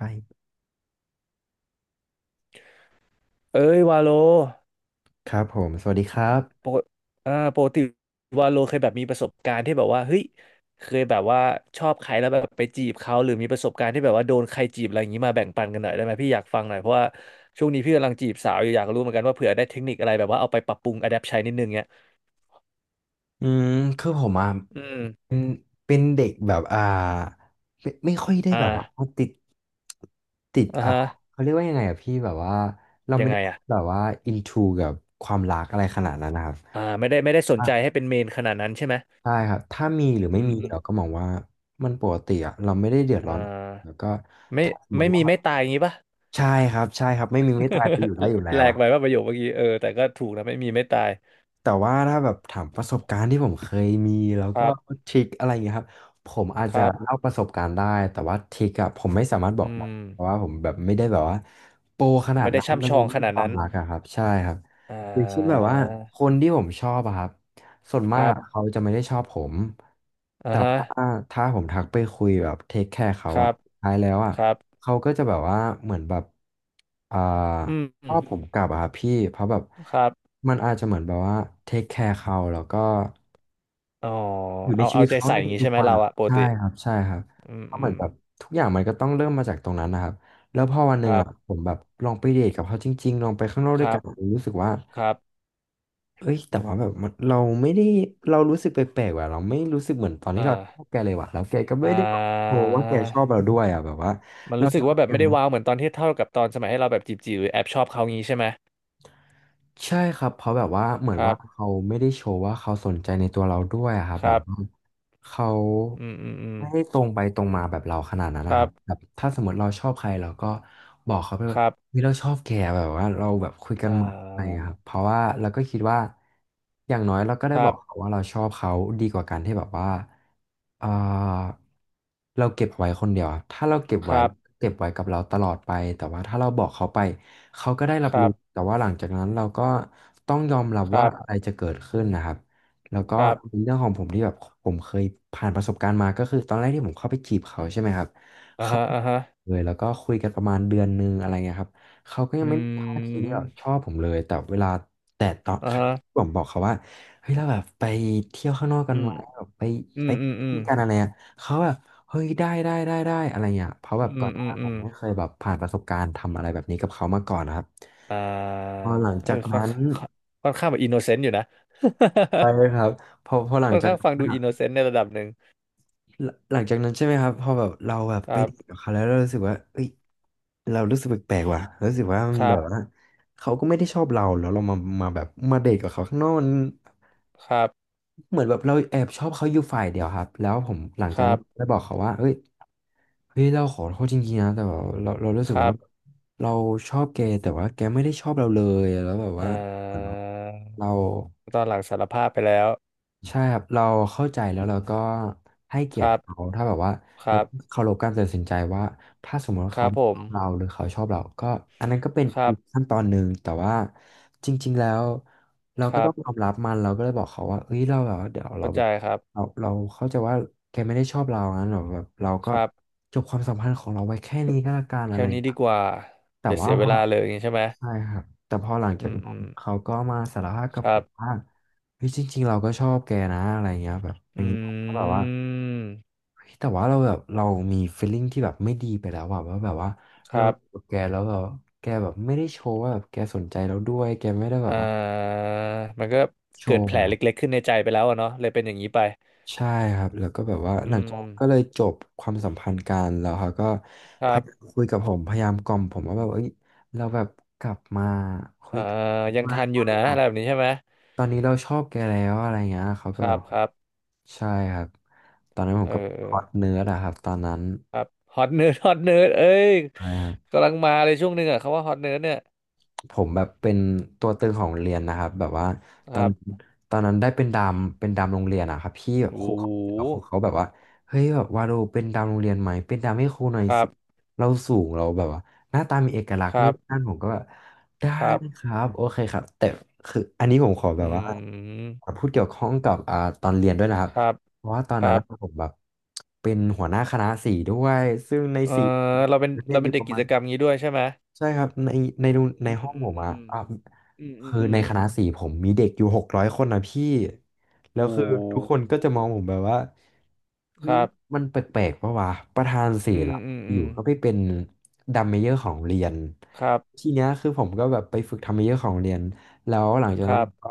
ไปเอ้ยวาโลครับผมสวัสดีครัปบกปกติวาโลเคยแบบมีประสบการณ์ที่แบบว่าเฮ้ยเคยแบบว่าชอบใครแล้วแบบไปจีบเขาหรือมีประสบการณ์ที่แบบว่าโดนใครจีบอะไรอย่างนี้มาแบ่งปันกันหน่อยได้ไหมพี่อยากฟังหน่อยเพราะว่าช่วงนี้พี่กำลังจีบสาวอยู่อยากรู้เหมือนกันว่าเผื่อได้เทคนิคอะไรแบบว่าเอาไปปรับปรุงอะแดปใช้นิดนึงเนี้ยอืมคือผมอ่ะอืมเป็นเป็นเด็กแบบไม่ค่อยได้อ่าแบบว่าติดติดอ่าฮะเขาเรียกว่ายังไงอ่ะพี่แบบว่าเรายัไม่งได้ไงอ่ะแบบว่าอินทูกับความรักอะไรขนาดนั้นนะครับไม่ได้ไม่ได้สนใจอ่ะให้เป็นเมนขนาดนั้นใช่ไหมใช่ครับถ้ามีหรืออืไม่มมีอืมเราก็มองว่ามันปกติอ่ะเราไม่ได้เดือดร้ออ่านแล้วก็ไม่ถ้าสมมไม่ติมีว่าไม่ตายอย่างนี้ปะ ใช่ใช่ครับไม่มีไม่ตายไปอยู่ได้อยู่ แล้แหลวกอ่ะ ไปว่าประโยคเมื่อกี้เออแต่ก็ถูกนะไม่มีไม่ตายแต่ว่าถ้าแบบถามประสบการณ์ที่ผมเคยมีแล้วคก็รับ ทริคอะไรอย่างเงี้ยครับผมอาจคจะรับเล่าประสบการณ์ได้แต่ว่าทริคอะผมไม่สามารถบอกอืได้มเพราะว่าผมแบบไม่ได้แบบว่าโปรขนาดไม่ได้นั้นช่ำชในองขเรื่องนาดควานั้มนรักอะครับใช่ครับอ่อย่างเช่นแบบาว่าคนที่ผมชอบอะครับส่วนคมากรัอะบเขาจะไม่ได้ชอบผม อ่าแต่ฮะว่าถ้าผมทักไปคุยแบบเทคแคร์เขาคอะรับท้ายแล้วอะครับเขาก็จะแบบว่าเหมือนแบบอ่าอืชอบผมมกลับอะครับพี่เพราะแบบครับมันอาจจะเหมือนแบบว่าเทคแคร์เขาแล้วก็อ๋ออยู่ในเอาชีเอาวิตใจเขาใส่ในอย่างนี้ทุใช่กไหมๆวันเราอะอะปกใช่ติครับใช่ครับอืมเพราะอืเหมือมนแบบทุกอย่างมันก็ต้องเริ่มมาจากตรงนั้นนะครับแล้วพอวันหคนึ่งรับอะผมแบบลองไปเดทกับเขาจริงๆลองไปข้างนอกคด้วยรักันบผมรู้สึกว่า ครับเอ้ยแต่ว่าแบบมันเราไม่ได้เรารู้สึกแปลกๆว่ะเราไม่รู้สึกเหมือนตอนที่อ่าเราชอบแกเลยว่ะแล้วแกก็อ่ไม่ได้บอกโชาว์ว่าแกชอบเราด้วยอ่ะแบบว่ามันเรารู้สึชกอบว่าแบบแกไม่ได้นะ ว้าวเหมือนตอนที่เท่ากับตอนสมัยให้เราแบบจีบจีหรือแอบชอบเขางี้ใช่ไหมใช่ครับเพราะแบบว่าเหมือนครัว่าบเขาไม่ได้โชว์ว่าเขาสนใจในตัวเราด้วยอะครับคแบบรับว่าเขาอืมอืมอืมไม่ได้ตรงไปตรงมาแบบเราขนาดนั้นคนะครัรับบแบบถ้าสมมติเราชอบใครเราก็บอกเขาไปคว่ารับเฮ้ยเราชอบแกแบบว่าเราแบบคุยกัอ่นใหม่อะไรอย่างาเงี้ยครับเพราะว่าเราก็คิดว่าอย่างน้อยเราก็ได้คบรัอกเขาบว่าเราชอบเขาดีกว่าการที่แบบว่าเออเราเก็บไว้คนเดียวอะถ้าเราเก็บคไว้รับเก็บไว้กับเราตลอดไปแต่ว่าถ้าเราบอกเขาไป เขาก็ได้รัคบรัรู้บแต่ว่าหลังจากนั้นเราก็ต้องยอมรับคว่ารัอะไรบจะเกิดขึ้นนะครับแล้วก็ครับเป็นเรื่องของผมที่แบบผมเคยผ่านประสบการณ์มาก็คือตอนแรกที่ผมเข้าไปจีบเขาใช่ไหมครับอ่าเขาฮะอ่าฮะ เลยแล้วก็คุยกันประมาณเดือนนึงอะไรเงี้ยครับเขาก็ยัอืงไม่มีท่าทีที่แบบชมอบผมเลยแต่เวลาแต่ตอนอ่าครั้งฮะที่ผมบอกเขาว่าเฮ้ยเราแบบไปเที่ยวข้างนอกกันอืไหมมแบบไปอืไปมอืกิมนกันอะไรอ่ะเขาแบบ เฮ้ยได้อะไรเงี้ยเพราะแบอืบก่อมนหน้าอืมอืมผอืมมไม่เคยแบบผ่านประสบการณ์ทำอะไรแบบนี้กับเขามาก่อนนะครับอ่าพอหลังเออจากนั้นค่อนค่อนข้างแบบอินโนเซนต์อยู่นะ ไปเลยครับพอห ลังค่อนจากข้างนั้ฟังนดูอะอินโนเซนต์ในระดับหนึ่งหลังจากนั้นใช่ไหมครับพอแบบเราแบบคไปรัดีกับบเขาแล้วเรารู้สึกว่าเอ้ยเรารู้สึกแปลกๆว่ะรู้สึกว่ามัคนรัแบบว่าบเขาก็ไม่ได้ชอบเราแล้วเรามามาแบบมาเดทกับเขาข้างนอกมัน ครับเหมือนแบบเราแอบชอบเขาอยู่ฝ่ายเดียวครับแล้วผมหลังคจากรันั้นบได้บอกเขาว่าเฮ้ยเราขอโทษจริงๆนะแต่ว่าเรารู้สึคกรัว่าบเราชอบแกแต่ว่าแกไม่ได้ชอบเราเลยแล้วแบบอ่ว่าเหมือนาเรา ตอนหลังสารภาพไปแล้วใช่ครับเราเข้าใจแล้วเราก็ให้เกีคยรติรัเขาบถ้าแบบว่าครัเราบเคารพการตัดสินใจว่าถ้าสมมติว่าคเขารับไม่ผชมอบเราหรือเขาชอบเราก็อันนั้นก็เป็นครัอีกบขั้นตอนหนึ่งแต่ว่าจริงๆแล้วเราคก็รัต้อบงยอมรับมันเราก็เลยบอกเขาว่าเอ้ยเราแบบว่าเดี๋ยวเราเข้าแบใจบครับเราเข้าใจว่าแกไม่ได้ชอบเรางั้นหรอแบบเราก็ครับจบความสัมพันธ์ของเราไว้แค่นี้ก็แล้วกันอะแค่ไรอย่านี้งดีเงี้ยกว่าแต่อย่าว่าเสียพเวอลาเลยอย่างนี้ใช่ไหมใช่ครับแต่พอหลังอืจากมอืนั้นมเขาก็มาสารภาพกัคบผรับมว่า เฮ้ยจริงๆเราก็ชอบแกนะอะไรเงี้ยแบบอย่างอืนี้ผมก็แบบว่าม เฮ้ยแต่ว่าเราแบบเรามี feeling ที่แบบไม่ดีไปแล้วอะว่าแบบว่าคเรารับอยู่กับแกแล้วแบบแกแบบไม่ได้โชว์ว่าแบบแกสนใจเราด้วยแกไม่ได้แบบอ่ว่าามันก็โชเกิดว์แผลอะเล็กๆขึ้นในใจไปแล้วอะเนาะเลยเป็นอย่างนี้ไปใช่ครับแล้วก็แบบว่าอืหลังจากมนั้นก็เลยจบความสัมพันธ์กันแล้วเขาก็คพรัยายามบคุยกับผมพยายามกล่อมผมว่าแบบเอ้ยเราแบบกลับมาคุอ่ายกันยังว่าทันอยู่ว่านะแบอะบไรแบบนี้ใช่ไหมตอนนี้เราชอบแกแล้วอะไรเงี้ยเขาคก็แบรับบ ครับใช่ครับ ตอนนั้นผเอมอก็เอคออร์สเนื้อนะครับตอนนั้นครับฮอตเนิร์ดฮอตเนิร์ดเอ้ยใช่ครับ กำลังมาเลยช่วงหนึ่งอ่ะคำว่าฮอตเนิร์ดเนี่ยผมแบบเป็นตัวตึงของโรงเรียนนะครับแบบว่าคตอรันบตอนนั้นได้เป็นดามโรงเรียนอะครับพี่แบบโอ้คโรูเขาครูหเขาแบบว่าเฮ้ยแบบว่าเราเป็นดามโรงเรียนไหมเป็นดามให้ครูหน่อยครัสิบเราสูงเราแบบว่าหน้าตามีเอกลักษคณ์รันู่นบนั่นผมก็แบบได้ครับครับโอเคครับแต่คืออันนี้ผมขอแบอืบว่ามพูดเกี่ยวข้องกับตอนเรียนด้วยนะครับครับเพราะว่าตอนคนั้นรับอะผมแบบเป็นหัวหน้าคณะสีด้วยซึ่งในเอสีอเราเป็นเรียเรานอเป็ยู่นปเด็กระกิมาจณ กรรมงี้ด้วยใช่ไหมใช่ครับในอืมห้องอืผมมอือะมอ่ะอืมอืมคืออืในมคณะสี่ผมมีเด็กอยู่600 คนนะพี่แล้โอ้วคือทุกคนก็โหจะมองผมแบบว่าเฮ้คยรับ มันแปลกๆปะวะประธานศิอืลมป์อืมออืยู่มก็ไปเป็นดัมเมเยอร์ของเรียนครัทีบเนี้ยคือผมก็แบบไปฝึกทำมเมเยอร์ของเรียนแล้วหลังจากคนั้นรัผบมก็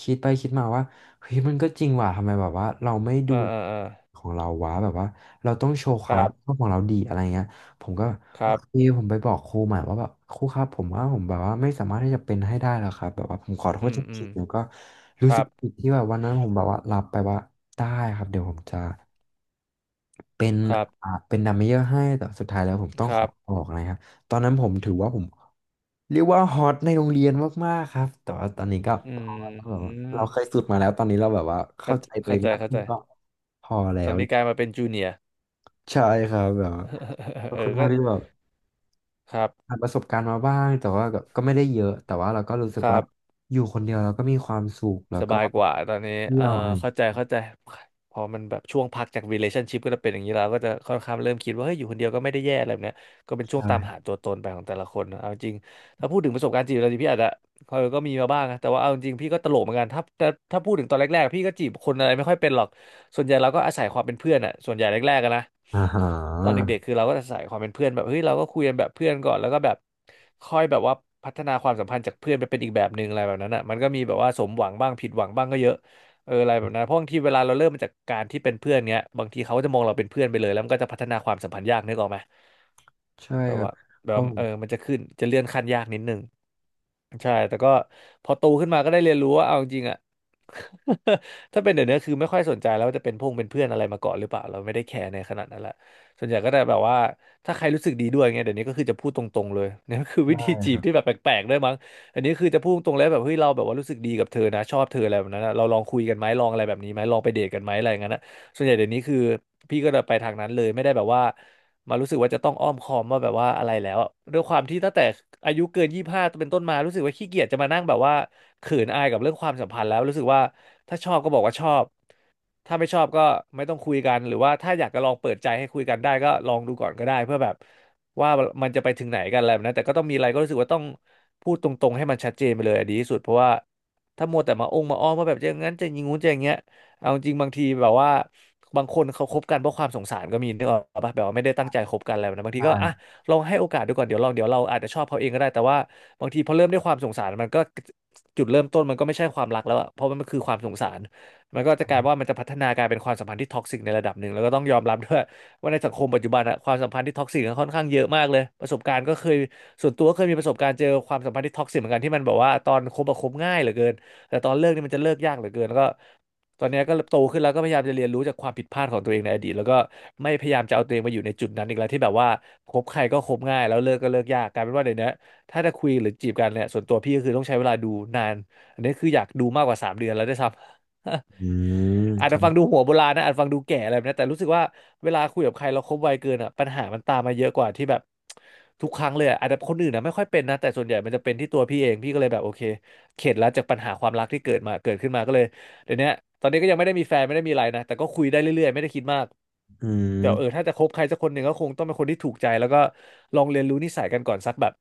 คิดไปคิดมาว่าเฮ้ยมันก็จริงว่ะทำไมแบบว่าเราไม่ดูเอ่อเอ่อเอ่อของเราวะแบบว่าเราต้องโชว์คความรัรับบผิดชอบของเราดีอะไรเงี้ย ผมก็คโอรับเคผมไปบอกครูใหม่ว่าแบบครูครับผมว่าผมแบบว่าไม่สามารถที่จะเป็นให้ได้แล้วครับแบบว่าผมขอโทอืษจมอืริมงๆแล้วก็ครู้สึรักบผิดที่แบบวันนั้นผมแบบว่ารับไปว่าได้ครับเดี๋ยวผมจะเป็นครับเป็นดัมเมเยอร์ให้แต่สุดท้ายแล้วผมต้องคขรัอบออกนะครับตอนนั้นผมถือว่าผมเรียกว่าฮอตในโรงเรียนมากๆครับแต่ว่าตอนนี้ก็อืพอแล้วแบบว่าเราเคยมสุดมาแล้วตอนนี้เราแบบว่าเข้าเข้าใจตัวเอเข้างใจมากเข้าขึ้ใจนก็พอแล้ตอวนนี้กลายมาเป็นจู เนียร์ ใช่ครับแบบว่าก็ เออค่อนก็ข้างที่แบบ ครับผ่านประสบการณ์มาบ้างแต่ว่าก็ไม่ได้เยอะแต่ว่าเราก็รู้สึคกรัว่าบ อยู่คนเดียวเราก็มีความสุขแล้วสก็บายกว่าตอนนี้เที่เออยวอะไรเข้าใจเข้าใจพอมันแบบช่วงพักจาก relationship ก็จะเป็นอย่างนี้แล้วก็จะค่อนข้างเริ่มคิดว่าเฮ้ยอยู่คนเดียวก็ไม่ได้แย่อะไรแบบเนี้ยก็เป็นใช่วงตามหาช่ตัวตนไปของแต่ละคนนะเอาจริง ถ้าพูดถึงประสบการณ์จีบเราจริงพี่อาจจะเออก็มีมาบ้างนะแต่ว่าเอาจริงพี่ก็ตลกเหมือนกันถ้าพูดถึงตอนแรกๆพี่ก็จีบคนอะไรไม่ค่อยเป็นหรอก ส่วนใหญ่เราก็อาศัยความเป็นเพื่อนอะส่วนใหญ่แรกๆอะนะอ่าฮตอนะเด็กๆคือเราก็อาศัยความเป็นเพื่อนแบบเฮ้ยเราก็คุยกันแบบเพื่อนก่อนแล้วก็แบบค่อยแบบว่าพัฒนาความสัมพันธ์จากเพื่อนไปเป็นอีกแบบหนึ่งอะไรแบบนั้นอะมันก็มีแบบว่าสมหวังบ้างผิดหวังบ้างก็เยอะเอออะไรแบบนั้นเพราะบางทีเวลาเราเริ่มมาจากการที่เป็นเพื่อนเงี้ยบางทีเขาก็จะมองเราเป็นเพื่อนไปเลยแล้วมันก็จะพัฒนาความสัมพันธ์ยากนึกออกไหมใช่แบบครับว่าแบเพบราะว่าผมเออมันจะขึ้นจะเลื่อนขั้นยากนิดนึงใช่แต่ก็พอโตขึ้นมาก็ได้เรียนรู้ว่าเอาจริงๆอ่ะ ถ้าเป็นเดี๋ยวนี้คือไม่ค่อยสนใจแล้วว่าจะเป็นพงเป็นเพื่อนอะไรมาก่อนหรือเปล่าเราไม่ได้แคร์ในขนาดนั้นละส่วนใหญ่ก็ได้แบบว่าถ้าใครรู้สึกดีด้วยเงี้ยเดี๋ยวนี้ก็คือจะพูดตรงๆเลย เนี่ยก็คือวิธีจีบที่แบบแปลกๆด้วยมั้งอันนี้คือจะพูดตรงๆเลยแบบเฮ้ยเราแบบว่ารู้สึกดีกับเธอนะชอบเธออะไรแบบนั้นนะเราลองคุยกันไหมลองอะไรแบบนี้ไหมลองไปเดทกันไหมอะไรอย่างนั้นนะส่วนใหญ่เดี๋ยวนี้คือพี่ก็จะไปทางนั้นเลยไม่ได้แบบว่ามารู้สึกว่าจะต้องอ้อมค้อมว่าแบบว่าอะไรแล้วอะด้วยความที่ตั้งแต่อายุเกิน25เป็นต้นมารู้สึกว่าขี้เกียจจะมานั่งแบบว่า เขืนอายกับเรื่องความสัมพันธ์แล้วรู้สึกว่าถ้าชอบก็บอกว่าชอบถ้าไม่ชอบก็ไม่ต้องคุยกันหรือว่าถ้าอยากจะลองเปิดใจให้คุยกันได้ก็ลองดูก่อนก็ได้เพื่อแบบว่ามันจะไปถึงไหนกันอะไรแบบนั้นแต่ก็ต้องมีอะไรก็รู้สึกว่าต้องพูดตรงๆให้มันชัดเจนไปเลยอะดีที่สุดเพราะว่าถ้ามัวแต่มาองมาอ้อมว่าแบบจะอย่างนั้นจะอย่างงู้นจะอย่างเงี้ยเอาจริงบางทีแบบว่าบางคนเขาคบกันเพราะความสงสารก็มีนึกออกปะแบบว่าไม่ได้ตั้งใจคบกันอะไรแบบนะบางทีก็อ่ะใช่ลองให้โอกาสดูก่อนเดี๋ยวลองเดี๋ยวเราอาจจะชอบเขาเองก็ได้แต่ว่าบางทีพอเริ่มด้วยความสงสารมันก็ จุดเริ่มต้นมันก็ไม่ใช่ความรักแล้วอะเพราะมันคือความสงสารมันก็จะกลายว่ามันจะพัฒนากลายเป็นความสัมพันธ์ที่ท็อกซิกในระดับหนึ่งแล้วก็ต้องยอมรับด้วยว่าในสังคมปัจจุบันอะความสัมพันธ์ที่ท็อกซิกค่อนข้างเยอะมากเลยประสบการณ์ก็เคยส่วนตัวก็เคยมีประสบการณ์เจอความสัมพันธ์ที่ท็อกซิกเหมือนกันที่มันแบบว่าตอนคบอะคบง่ายเหลือเกินแต่ตอนเลิกนี่มันจะเลิกยากเหลือเกินแล้วก็ตอนเนี้ยก็โตขึ้นแล้วก็พยายามจะเรียนรู้จากความผิดพลาดของตัวเองในอดีตแล้วก็ไม่พยายามจะเอาตัวเองมาอยู่ในจุดนั้นอีกแล้วที่แบบว่าคบใครก็คบง่ายแล้วเลิกก็เลิกยากกลายเป็นว่าเดี๋ยวนี้ ถ้าจะคุยหรือจีบกันเนี่ยส่วนตัวพี่ก็คือต้องใช้เวลาดูนานอันนี้คืออยากดูมากกว่า3 เดือนแล้วได้วยซ้ำ อืม อาจคจะรัฟังดูบหัวโบราณนะอาจฟังดูแก่อะไรแบบนี้แต่รู้สึกว่าเวลาคุยกับใครเราคบไวเกินอ่ะปัญหามันตามมาเยอะกว่าที่แบบทุกครั้งเลยอะอาจจะคนอื่นนะไม่ค่อยเป็นนะแต่ส่วนใหญ่มันจะเป็นที่ตัวพี่เองพี่ก็เลยแบบโอเคเข็ดแล้วจากปัญหาความรักที่เกิดมาเกิดขึ้นมาก็เลยเดี๋ยวนี้ตอนนี้ก็ยังไม่ได้มีแฟนไม่ได้มีอะไรนะแต่ก็คุยได้เรื่อยๆไม่ได้คิดมากอืแต่เออมถ้าจะคบใครสักคนหนึ่งก็คงต้องเป็นคนที่ถูกใจแล้วก็ลองเรียนรู้นิสัยกันก่อนสักแบบ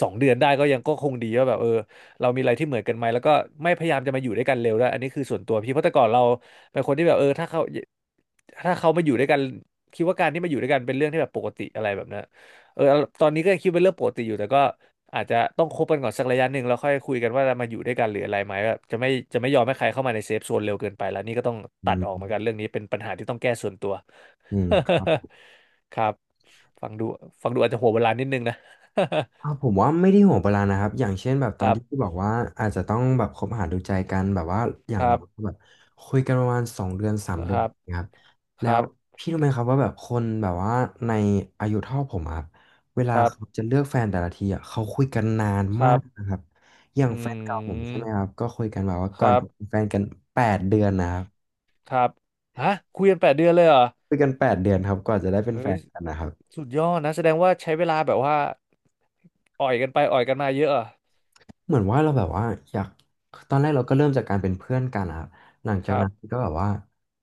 2 เดือนได้ก็ยังก็คงดีว่าแบบเออเรามีอะไรที่เหมือนกันไหมแล้วก็ไม่พยายามจะมาอยู่ด้วยกันเร็วด้วยอันนี้คือส่วนตัวพี่เพราะแต่ก่อนเราเป็นคนที่แบบเออถ้าเขามาอยู่ด้วยกันคิดว่าการที่มาอยู่ด้วยกันเป็นเรื่องที่แบบปกติอะไรแบบนั้นเออตอนนี้ก็ยังคิดเป็นเรื่องปกติอยู่แต่ก็อาจจะต้องคบกันก่อนสักระยะหนึ่งแล้วค่อยคุยกันว่าจะมาอยู่ด้วยกันหรืออะไรไหมแบบจะไม่ยอมให้ใครเข้ามาในเซฟโซนเร็วเกินไปแล้วนี่ก็ต้องอืตัดมออกเหมือนกันเรื่องนี้เป็นปัญหาที่ต้องแก้ส่วนตัว อืมครับ ครับฟังดูอาจจะหัวโบราณนิดนึงนะ ผมว่าไม่ได้ห่วงเวลานะครับอย่างเช่นแบบ ตคอนรับ ที่พี่บอกว่าอาจจะต้องแบบคบหาดูใจกันแบบว่าอย่าคงรัน้อบ ยก็แบบคุยกันประมาณสองเดือนสาคมเดือนรับ นะครับคแล้วรับ พี่รู้ไหมครับว่าแบบคนแบบว่าในอายุเท่าผมอะครับเวคลารับ เขาจะเลือกแฟนแต่ละทีอะเขาคุยกันนานคมารักบ นะครับอย่างอืแฟนเก่าผมใช่ไหมคม รับก็คุยกันแบบว่าคก่อนรับ จะเป็นแฟนกันแปดเดือนนะครับครับฮะคุยกัน8 เดือนเลยเหรอคุยกันแปดเดือนครับก่อนจะได้เป็นแฟเอ้ยนกันนะครับ สุดยอดนะ แสดงว่าใช้เวลาแบบว่าอ่อยกันไปอ่อยกันมาเยอะเหรอเหมือนว่าเราแบบว่าอยากตอนแรกเราก็เริ่มจากการเป็นเพื่อนกันนะครับหลังคจากรับ นั้นก็แบบว่า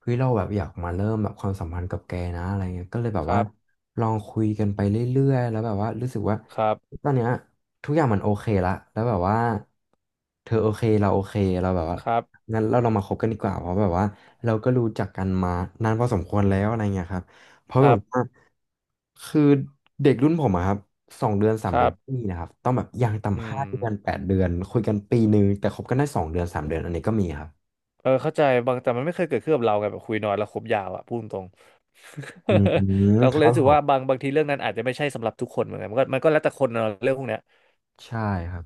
เฮ้ยเราแบบอยากมาเริ่มแบบความสัมพันธ์กับแกนะอะไรเงี้ยก็เลยแบบคว่ารับ ลองคุยกันไปเรื่อยๆแล้วแบบว่ารู้สึกว่าครับ ตอนเนี้ยทุกอย่างมันโอเคละแล้วแบบว่าเธอโอเคเราโอเคเราแบบว่าครับ งั้นเราลองมาคบกันดีกว่าเพราะแบบว่าเราก็รู้จักกันมานานพอสมควรแล้วอะไรเงี้ยครับ เพราะคแบรับบว่าคือเด็กรุ่นผมอะครับสองเดือนสาคมเดืรัอนบไม่มีนะครับต้องแบบอย่างอืต่ำห้ามเดือนแปดเดือนคุยกัน1 ปีแต่คบกันได้สองเดือนสามเดือนอันนี้ก็มีครับเออเข้าใจบางแต่มันไม่เคยเกิดขึ้นกับเราไงแบบคุยน้อยแล้วคบยาวอะพูดตรง อื มเราคก็เลยรับรู้สึผกว่ามบางทีเรื่องนั้นอาจจะไม่ใช่สำหรับทุกคนเหมือนกันมันก็แล้วแต่คนเนอะเรื่องพวกเนี้ย ใช่ครับ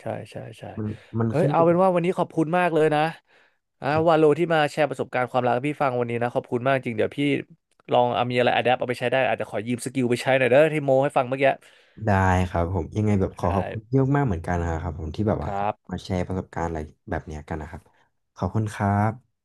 ใช่ใช่ใช่มันมันเอ้ยขึ้นอเอายู่เป็กันบ ว่าวันนี้ขอบคุณมากเลยนะอ่าวาโลที่มาแชร์ประสบการณ์ความรักให้พี่ฟังวันนี้นะขอบคุณมากจริงเดี๋ยวพี่ลองเอามีอะไรอะแดปเอาไปใช้ได้อาจจะขอยืมสกิลไปใช้หน่อยเด้อที่โมให้ฟังเมื่อกี้ ได้ครับผมยังไงแบบขอขได้อบคุณเยอะมากเหมือนกันนะครับผมที่แบบคว่ารับมาแชร์ประสบการณ์อะไรแบบเนี้ยกันนะครับขอบคุณครับ